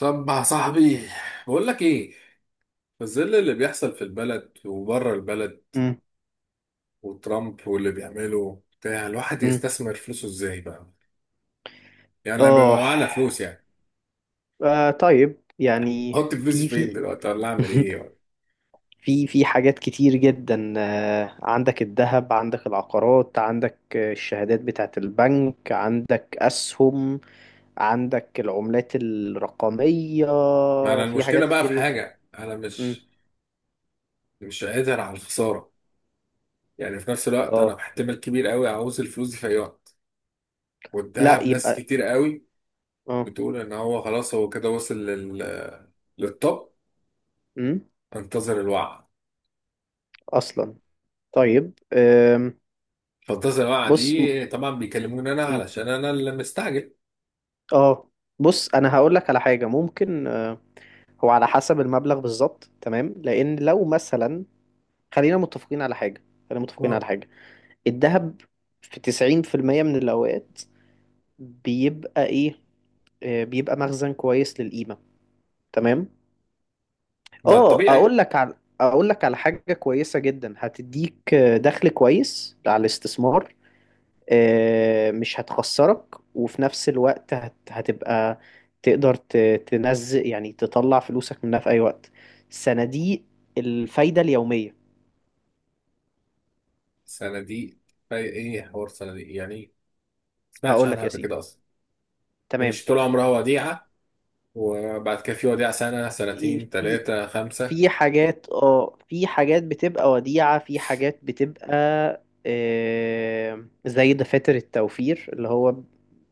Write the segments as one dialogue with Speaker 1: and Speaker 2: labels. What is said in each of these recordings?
Speaker 1: طب يا صاحبي، بقول لك ايه. في ظل اللي بيحصل في البلد وبره البلد
Speaker 2: مم.
Speaker 1: وترامب واللي بيعمله بتاع، الواحد
Speaker 2: مم.
Speaker 1: يستثمر فلوسه ازاي بقى؟ يعني لما بيبقى
Speaker 2: اه.
Speaker 1: معانا فلوس، يعني
Speaker 2: طيب يعني،
Speaker 1: احط فلوسي
Speaker 2: في
Speaker 1: فين
Speaker 2: في
Speaker 1: دلوقتي ولا اعمل ايه ولا؟
Speaker 2: في حاجات كتير جدا، عندك الذهب، عندك العقارات، عندك الشهادات بتاعت البنك، عندك أسهم، عندك العملات الرقمية.
Speaker 1: ما انا
Speaker 2: في
Speaker 1: المشكله
Speaker 2: حاجات
Speaker 1: بقى في
Speaker 2: كتير جدا.
Speaker 1: حاجه، انا
Speaker 2: مم.
Speaker 1: مش قادر على الخساره. يعني في نفس الوقت
Speaker 2: اه.
Speaker 1: انا احتمال كبير قوي عاوز الفلوس دي في اي وقت.
Speaker 2: لا
Speaker 1: والذهب ناس
Speaker 2: يبقى.
Speaker 1: كتير قوي
Speaker 2: اه.
Speaker 1: بتقول ان هو خلاص هو كده وصل للطب.
Speaker 2: مم.
Speaker 1: انتظر الوعي.
Speaker 2: أصلا. طيب،
Speaker 1: فالتصل الوقعة
Speaker 2: بص.
Speaker 1: دي طبعا بيكلموني انا
Speaker 2: مم.
Speaker 1: علشان انا اللي مستعجل.
Speaker 2: اه. بص، أنا هقول لك على حاجة ممكن، هو على حسب المبلغ بالظبط، تمام، لان لو مثلا... خلينا متفقين على حاجه خلينا متفقين
Speaker 1: اه،
Speaker 2: على حاجه: الذهب في 90% من الاوقات بيبقى ايه؟ بيبقى مخزن كويس للقيمه، تمام.
Speaker 1: ده
Speaker 2: اه،
Speaker 1: الطبيعي.
Speaker 2: اقول لك على حاجه كويسه جدا هتديك دخل كويس على الاستثمار، مش هتخسرك، وفي نفس الوقت هتبقى تقدر تنزل، يعني تطلع فلوسك منها في أي وقت: صناديق الفايدة اليومية.
Speaker 1: صناديق؟ ايه حوار صناديق يعني ايه؟ ما سمعتش
Speaker 2: هقول
Speaker 1: عنها
Speaker 2: لك يا
Speaker 1: قبل
Speaker 2: سيدي،
Speaker 1: كده اصلا. يعني
Speaker 2: تمام.
Speaker 1: مش طول عمرها وديعة، وبعد كده في وديعة سنة
Speaker 2: إيه،
Speaker 1: سنتين ثلاثة خمسة؟
Speaker 2: في حاجات، اه، في حاجات بتبقى وديعة، في حاجات بتبقى زي دفاتر التوفير، اللي هو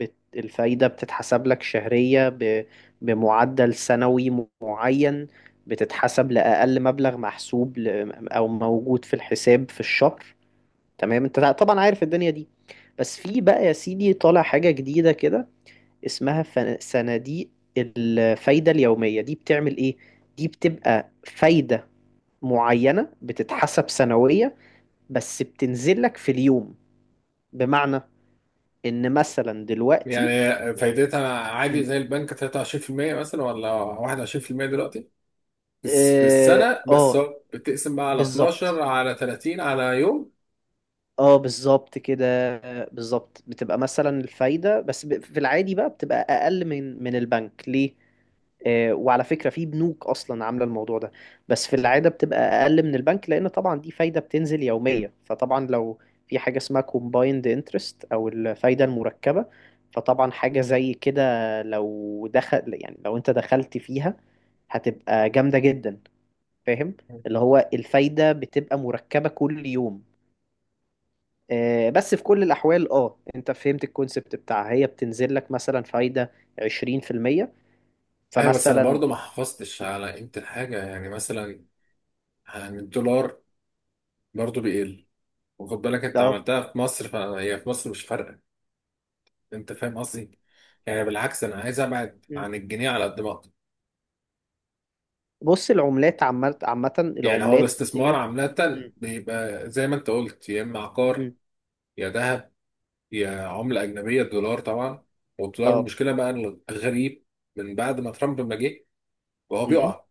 Speaker 2: الفايدة بتتحسب لك شهرية بمعدل سنوي معين، بتتحسب لأقل مبلغ محسوب أو موجود في الحساب في الشهر. تمام، انت طبعا عارف الدنيا دي. بس في بقى يا سيدي، طالع حاجة جديدة كده، اسمها صناديق الفايدة اليومية. دي بتعمل ايه؟ دي بتبقى فايدة معينة بتتحسب سنوية بس بتنزل لك في اليوم، بمعنى ان مثلا دلوقتي...
Speaker 1: يعني فايدتها عادي
Speaker 2: مم.
Speaker 1: زي البنك 23% مثلا، ولا 21% دلوقتي؟ بس في
Speaker 2: اه،
Speaker 1: السنة، بس هو بتقسم بقى على
Speaker 2: بالظبط.
Speaker 1: 12 على 30 على يوم.
Speaker 2: اه، بالظبط كده. بالظبط، بتبقى مثلا الفايدة بس في العادي بقى بتبقى اقل من البنك، ليه؟ وعلى فكرة في بنوك أصلا عاملة الموضوع ده. بس في العادة بتبقى أقل من البنك، لأن طبعا دي فايدة بتنزل يومية، فطبعا لو في حاجة اسمها combined interest أو الفايدة المركبة، فطبعا حاجة زي كده لو دخل يعني لو أنت دخلت فيها هتبقى جامدة جدا، فاهم. اللي هو الفايدة بتبقى مركبة كل يوم. بس في كل الأحوال، اه، انت فهمت الكونسبت بتاعها، هي بتنزل لك مثلا فايدة 20%،
Speaker 1: ايوه بس انا
Speaker 2: فمثلا
Speaker 1: برضو ما حافظتش على قيمة الحاجة، يعني مثلا عن الدولار برضو بيقل. وخد بالك انت
Speaker 2: اه.
Speaker 1: عملتها في مصر، فهي في مصر مش فارقه. انت فاهم قصدي؟ يعني بالعكس انا عايز ابعد عن الجنيه على قد ما اقدر.
Speaker 2: بص، العملات عامة،
Speaker 1: يعني هو
Speaker 2: العملات
Speaker 1: الاستثمار
Speaker 2: ديت.
Speaker 1: عامه
Speaker 2: مم.
Speaker 1: بيبقى زي ما انت قلت، يا اما عقار
Speaker 2: مم.
Speaker 1: يا ذهب يا عمله اجنبيه الدولار طبعا. والدولار
Speaker 2: اه.
Speaker 1: المشكله بقى إن الغريب من بعد ما ترامب ما جه وهو
Speaker 2: مم.
Speaker 1: بيقع،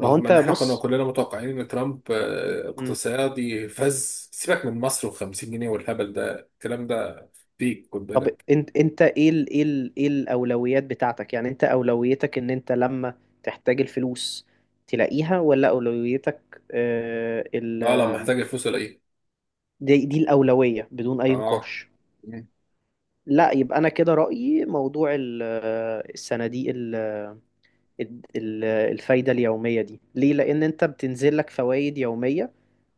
Speaker 2: ما هو
Speaker 1: رغم
Speaker 2: انت
Speaker 1: ان احنا كنا
Speaker 2: بص.
Speaker 1: كلنا متوقعين ان ترامب
Speaker 2: مم.
Speaker 1: اقتصادي. فز سيبك من مصر و50 جنيه والهبل ده، الكلام ده فيك، خد
Speaker 2: طب
Speaker 1: بالك.
Speaker 2: انت ايه الاولويات بتاعتك؟ يعني انت اولويتك ان انت لما تحتاج الفلوس تلاقيها، ولا اولويتك؟ آه ال
Speaker 1: لا لا،
Speaker 2: آه،
Speaker 1: محتاج الفلوس ولا ايه؟
Speaker 2: دي الاولوية بدون اي
Speaker 1: اه.
Speaker 2: نقاش. لا يبقى، انا كده رأيي موضوع الصناديق الفايدة اليومية دي، ليه؟ لان انت بتنزل لك فوائد يومية،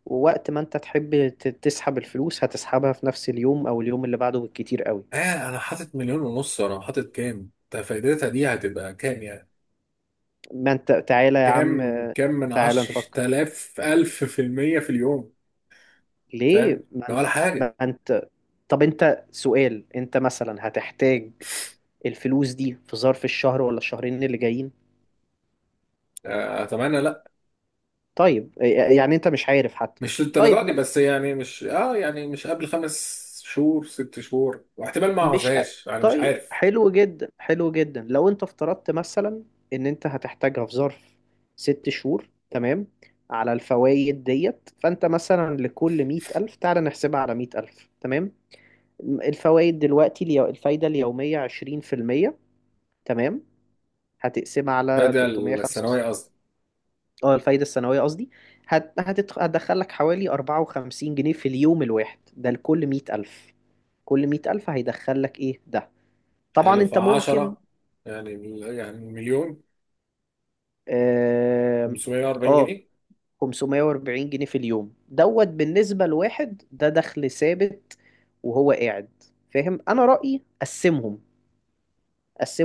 Speaker 2: ووقت ما انت تحب تسحب الفلوس هتسحبها في نفس اليوم او اليوم اللي بعده بالكتير قوي.
Speaker 1: آه، أنا حاطط مليون ونص، وأنا حاطط كام؟ ده فايدتها دي هتبقى كام يعني؟
Speaker 2: ما انت تعالى يا عم،
Speaker 1: كام كام من
Speaker 2: تعالى
Speaker 1: عشر
Speaker 2: نفكر،
Speaker 1: تلاف ألف في المية في اليوم؟
Speaker 2: ليه.
Speaker 1: فاهم؟ ده ولا
Speaker 2: ما
Speaker 1: حاجة.
Speaker 2: انت، طب انت سؤال: انت مثلا هتحتاج الفلوس دي في ظرف الشهر ولا الشهرين اللي جايين؟
Speaker 1: آه أتمنى لأ.
Speaker 2: طيب. يعني انت مش عارف حتى.
Speaker 1: مش للدرجة
Speaker 2: طيب.
Speaker 1: دي، بس يعني مش يعني مش قبل خمس شهور ست شهور، واحتمال ما
Speaker 2: مش أ-
Speaker 1: أعوزهاش. أنا مش
Speaker 2: طيب،
Speaker 1: عارف.
Speaker 2: حلو جدا، حلو جدا لو انت افترضت مثلا ان انت هتحتاجها في ظرف 6 شهور، تمام. على الفوائد ديت، فانت مثلا لكل 100,000، تعالى نحسبها على 100,000، تمام. الفوائد دلوقتي، الفايدة اليومية 20%، تمام. هتقسمها على
Speaker 1: هذا
Speaker 2: 305.
Speaker 1: الثانوية قصدي.
Speaker 2: اه، الفايدة السنوية قصدي. هتدخلك حوالي 54 جنيه في اليوم الواحد ده لكل 100,000. كل 100,000 هيدخلك ايه ده. طبعا
Speaker 1: حلو،
Speaker 2: انت ممكن...
Speaker 1: فعشرة يعني مليون
Speaker 2: اه،
Speaker 1: 540
Speaker 2: آه،
Speaker 1: جنيه
Speaker 2: 540 جنيه في اليوم دوت، بالنسبة لواحد ده دخل ثابت وهو قاعد، فاهم. انا رأيي قسمهم.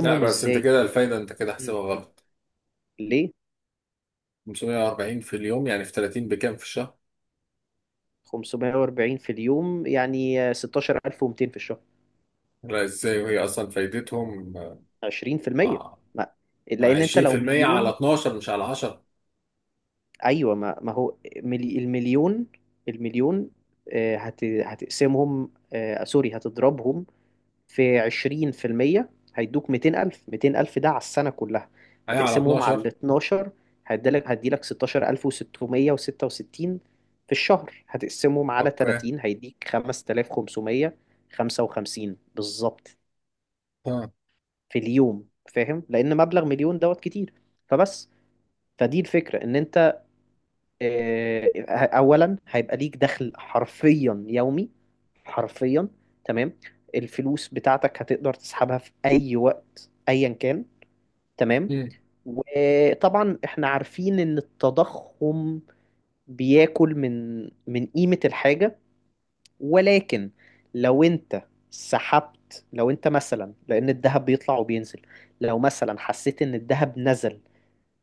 Speaker 1: لا بس أنت
Speaker 2: ازاي؟
Speaker 1: كده الفايدة أنت كده
Speaker 2: مم.
Speaker 1: حسبها غلط.
Speaker 2: ليه.
Speaker 1: 540 في اليوم يعني في 30 بكام في الشهر؟
Speaker 2: 540 في اليوم يعني 16,200 في الشهر.
Speaker 1: لا ازاي وهي اصلا فايدتهم؟
Speaker 2: 20%.
Speaker 1: اه.
Speaker 2: ما لان انت لو
Speaker 1: 20% على
Speaker 2: 1,000,000.
Speaker 1: 12 مش على 10.
Speaker 2: ايوه، ما هو 1,000,000 هتقسمهم، سوري هتضربهم في 20%، هيدوك 200,000. ده على السنة كلها،
Speaker 1: هي على
Speaker 2: هتقسمهم على ال
Speaker 1: 12.
Speaker 2: 12، هيديلك 16,666 في الشهر، هتقسمهم على
Speaker 1: اوكي.
Speaker 2: 30 هيديك 5,555 بالظبط
Speaker 1: ها.
Speaker 2: في اليوم، فاهم. لأن مبلغ 1,000,000 دوت كتير، فبس. فدي الفكرة، إن أنت آه، اولا هيبقى ليك دخل حرفيا يومي، حرفيا، تمام. الفلوس بتاعتك هتقدر تسحبها في اي وقت ايا كان، تمام.
Speaker 1: مم.
Speaker 2: وطبعا احنا عارفين ان التضخم بياكل من قيمة الحاجة، ولكن لو انت سحبت، لو انت مثلا، لان الذهب بيطلع وبينزل، لو مثلا حسيت ان الذهب نزل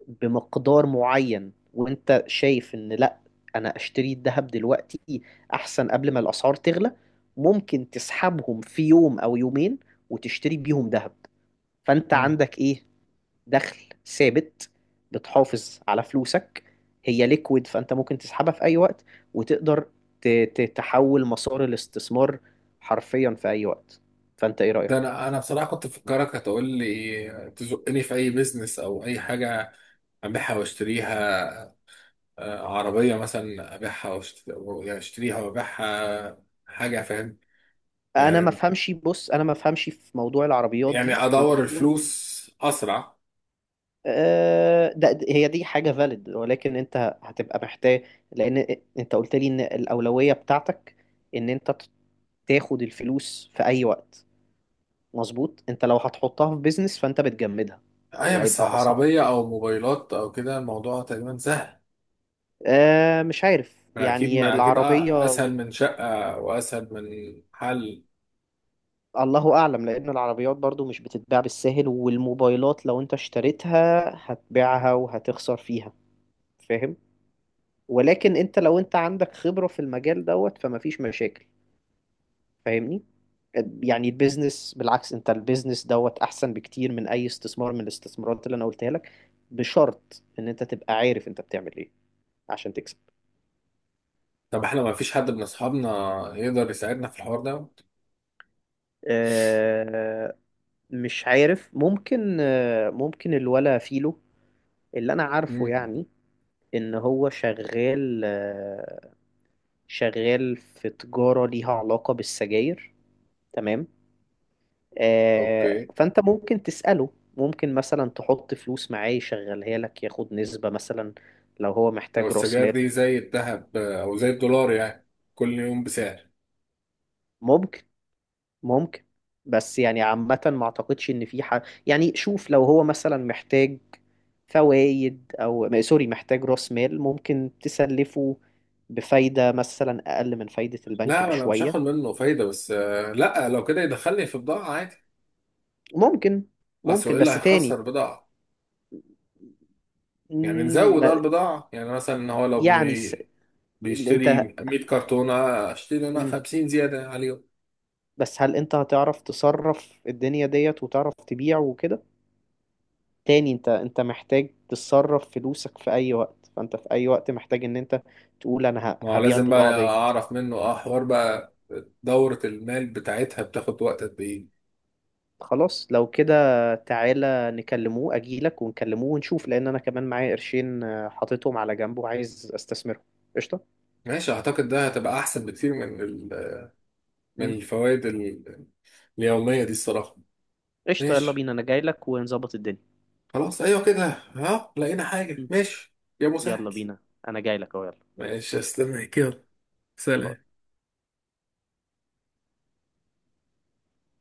Speaker 2: بمقدار معين وانت شايف ان لا، انا اشتري الذهب دلوقتي احسن قبل ما الاسعار تغلى، ممكن تسحبهم في يوم او يومين وتشتري بيهم ذهب. فانت
Speaker 1: مم.
Speaker 2: عندك ايه؟ دخل ثابت، بتحافظ على فلوسك، هي ليكويد فانت ممكن تسحبها في اي وقت، وتقدر ت- تحول مسار الاستثمار حرفيا في اي وقت. فانت ايه
Speaker 1: ده
Speaker 2: رأيك؟
Speaker 1: انا بصراحه كنت مفكرك هتقول لي تزقني في اي بيزنس او اي حاجه، ابيعها واشتريها. عربيه مثلا ابيعها يعني اشتريها وابيعها حاجه، فاهم؟
Speaker 2: انا ما
Speaker 1: يعني
Speaker 2: افهمش، بص انا ما افهمش في موضوع العربيات دي
Speaker 1: ادور
Speaker 2: وموضوع
Speaker 1: الفلوس اسرع.
Speaker 2: ده. هي دي حاجة فاليد، ولكن انت هتبقى محتاج، لان انت قلت لي ان الأولوية بتاعتك ان انت تاخد الفلوس في اي وقت. مظبوط، انت لو هتحطها في بيزنس فانت بتجمدها
Speaker 1: ايوه بس
Speaker 2: وهيبقى اصعب.
Speaker 1: عربيه او موبايلات او كده الموضوع تقريبا سهل.
Speaker 2: آه، مش عارف،
Speaker 1: اكيد
Speaker 2: يعني
Speaker 1: ما اكيد
Speaker 2: العربية
Speaker 1: اسهل من شقه واسهل من حل.
Speaker 2: الله اعلم، لان العربيات برضو مش بتتباع بالساهل، والموبايلات لو انت اشتريتها هتبيعها وهتخسر فيها، فاهم. ولكن انت لو عندك خبرة في المجال دوت فمفيش مشاكل، فاهمني. يعني البيزنس بالعكس، انت البيزنس دوت احسن بكتير من اي استثمار من الاستثمارات اللي انا قلتها لك، بشرط ان انت تبقى عارف انت بتعمل ايه عشان تكسب.
Speaker 1: طب احنا ما فيش حد من اصحابنا يقدر يساعدنا في الحوار ده؟
Speaker 2: آه، مش عارف، ممكن ممكن الولا فيلو، اللي انا عارفه
Speaker 1: مم.
Speaker 2: يعني ان هو شغال شغال في تجارة ليها علاقة بالسجاير، تمام.
Speaker 1: اوكي.
Speaker 2: فانت ممكن تسأله، ممكن مثلا تحط فلوس معاه يشغلها لك ياخد نسبة مثلا لو هو
Speaker 1: لو
Speaker 2: محتاج راس
Speaker 1: السجاير
Speaker 2: مال.
Speaker 1: دي زي الذهب او زي الدولار يعني كل يوم بسعر.
Speaker 2: ممكن، ممكن، بس يعني عامة ما اعتقدش ان في حاجة يعني شوف لو هو مثلا محتاج فوائد او م- سوري محتاج راس مال ممكن تسلفه بفايدة مثلا اقل من فايدة البنك
Speaker 1: لا انا مش
Speaker 2: بشوية
Speaker 1: هاخد منه فايده، بس لا لو كده يدخلني في بضاعه عادي.
Speaker 2: ممكن
Speaker 1: اصل هو
Speaker 2: ممكن
Speaker 1: ايه اللي
Speaker 2: بس تاني.
Speaker 1: هيخسر بضاعه؟ يعني
Speaker 2: مم،
Speaker 1: نزود اه
Speaker 2: ب-
Speaker 1: البضاعه، يعني مثلا إن هو لو
Speaker 2: يعني س...
Speaker 1: بي
Speaker 2: انت،
Speaker 1: بيشتري 100 كرتونه، اشتري انا 50 زياده عليهم.
Speaker 2: بس هل انت هتعرف تصرف الدنيا ديت وتعرف تبيع وكده؟ تاني انت محتاج تصرف فلوسك في اي وقت، فانت في اي وقت محتاج ان انت تقول انا
Speaker 1: ما هو
Speaker 2: هبيع
Speaker 1: لازم بقى
Speaker 2: البضاعة ديت.
Speaker 1: اعرف منه اه حوار بقى دورة المال بتاعتها بتاخد وقت قد ايه.
Speaker 2: خلاص لو كده، تعالى نكلموه، اجيلك ونكلموه ونشوف، لان انا كمان معايا قرشين حاططهم على جنب وعايز استثمرهم. قشطة.
Speaker 1: ماشي، اعتقد ده هتبقى احسن بكتير من
Speaker 2: مم.
Speaker 1: الفوائد اليومية دي الصراحة.
Speaker 2: قشطة، يلا
Speaker 1: ماشي
Speaker 2: بينا، انا جايلك ونظبط الدنيا.
Speaker 1: خلاص، ايوه كده. ها، لقينا حاجة،
Speaker 2: مم.
Speaker 1: ماشي. يا مسهل.
Speaker 2: يلا بينا، انا جايلك اهو، يلا.
Speaker 1: ماشي استنى كده. سلام.
Speaker 2: باي.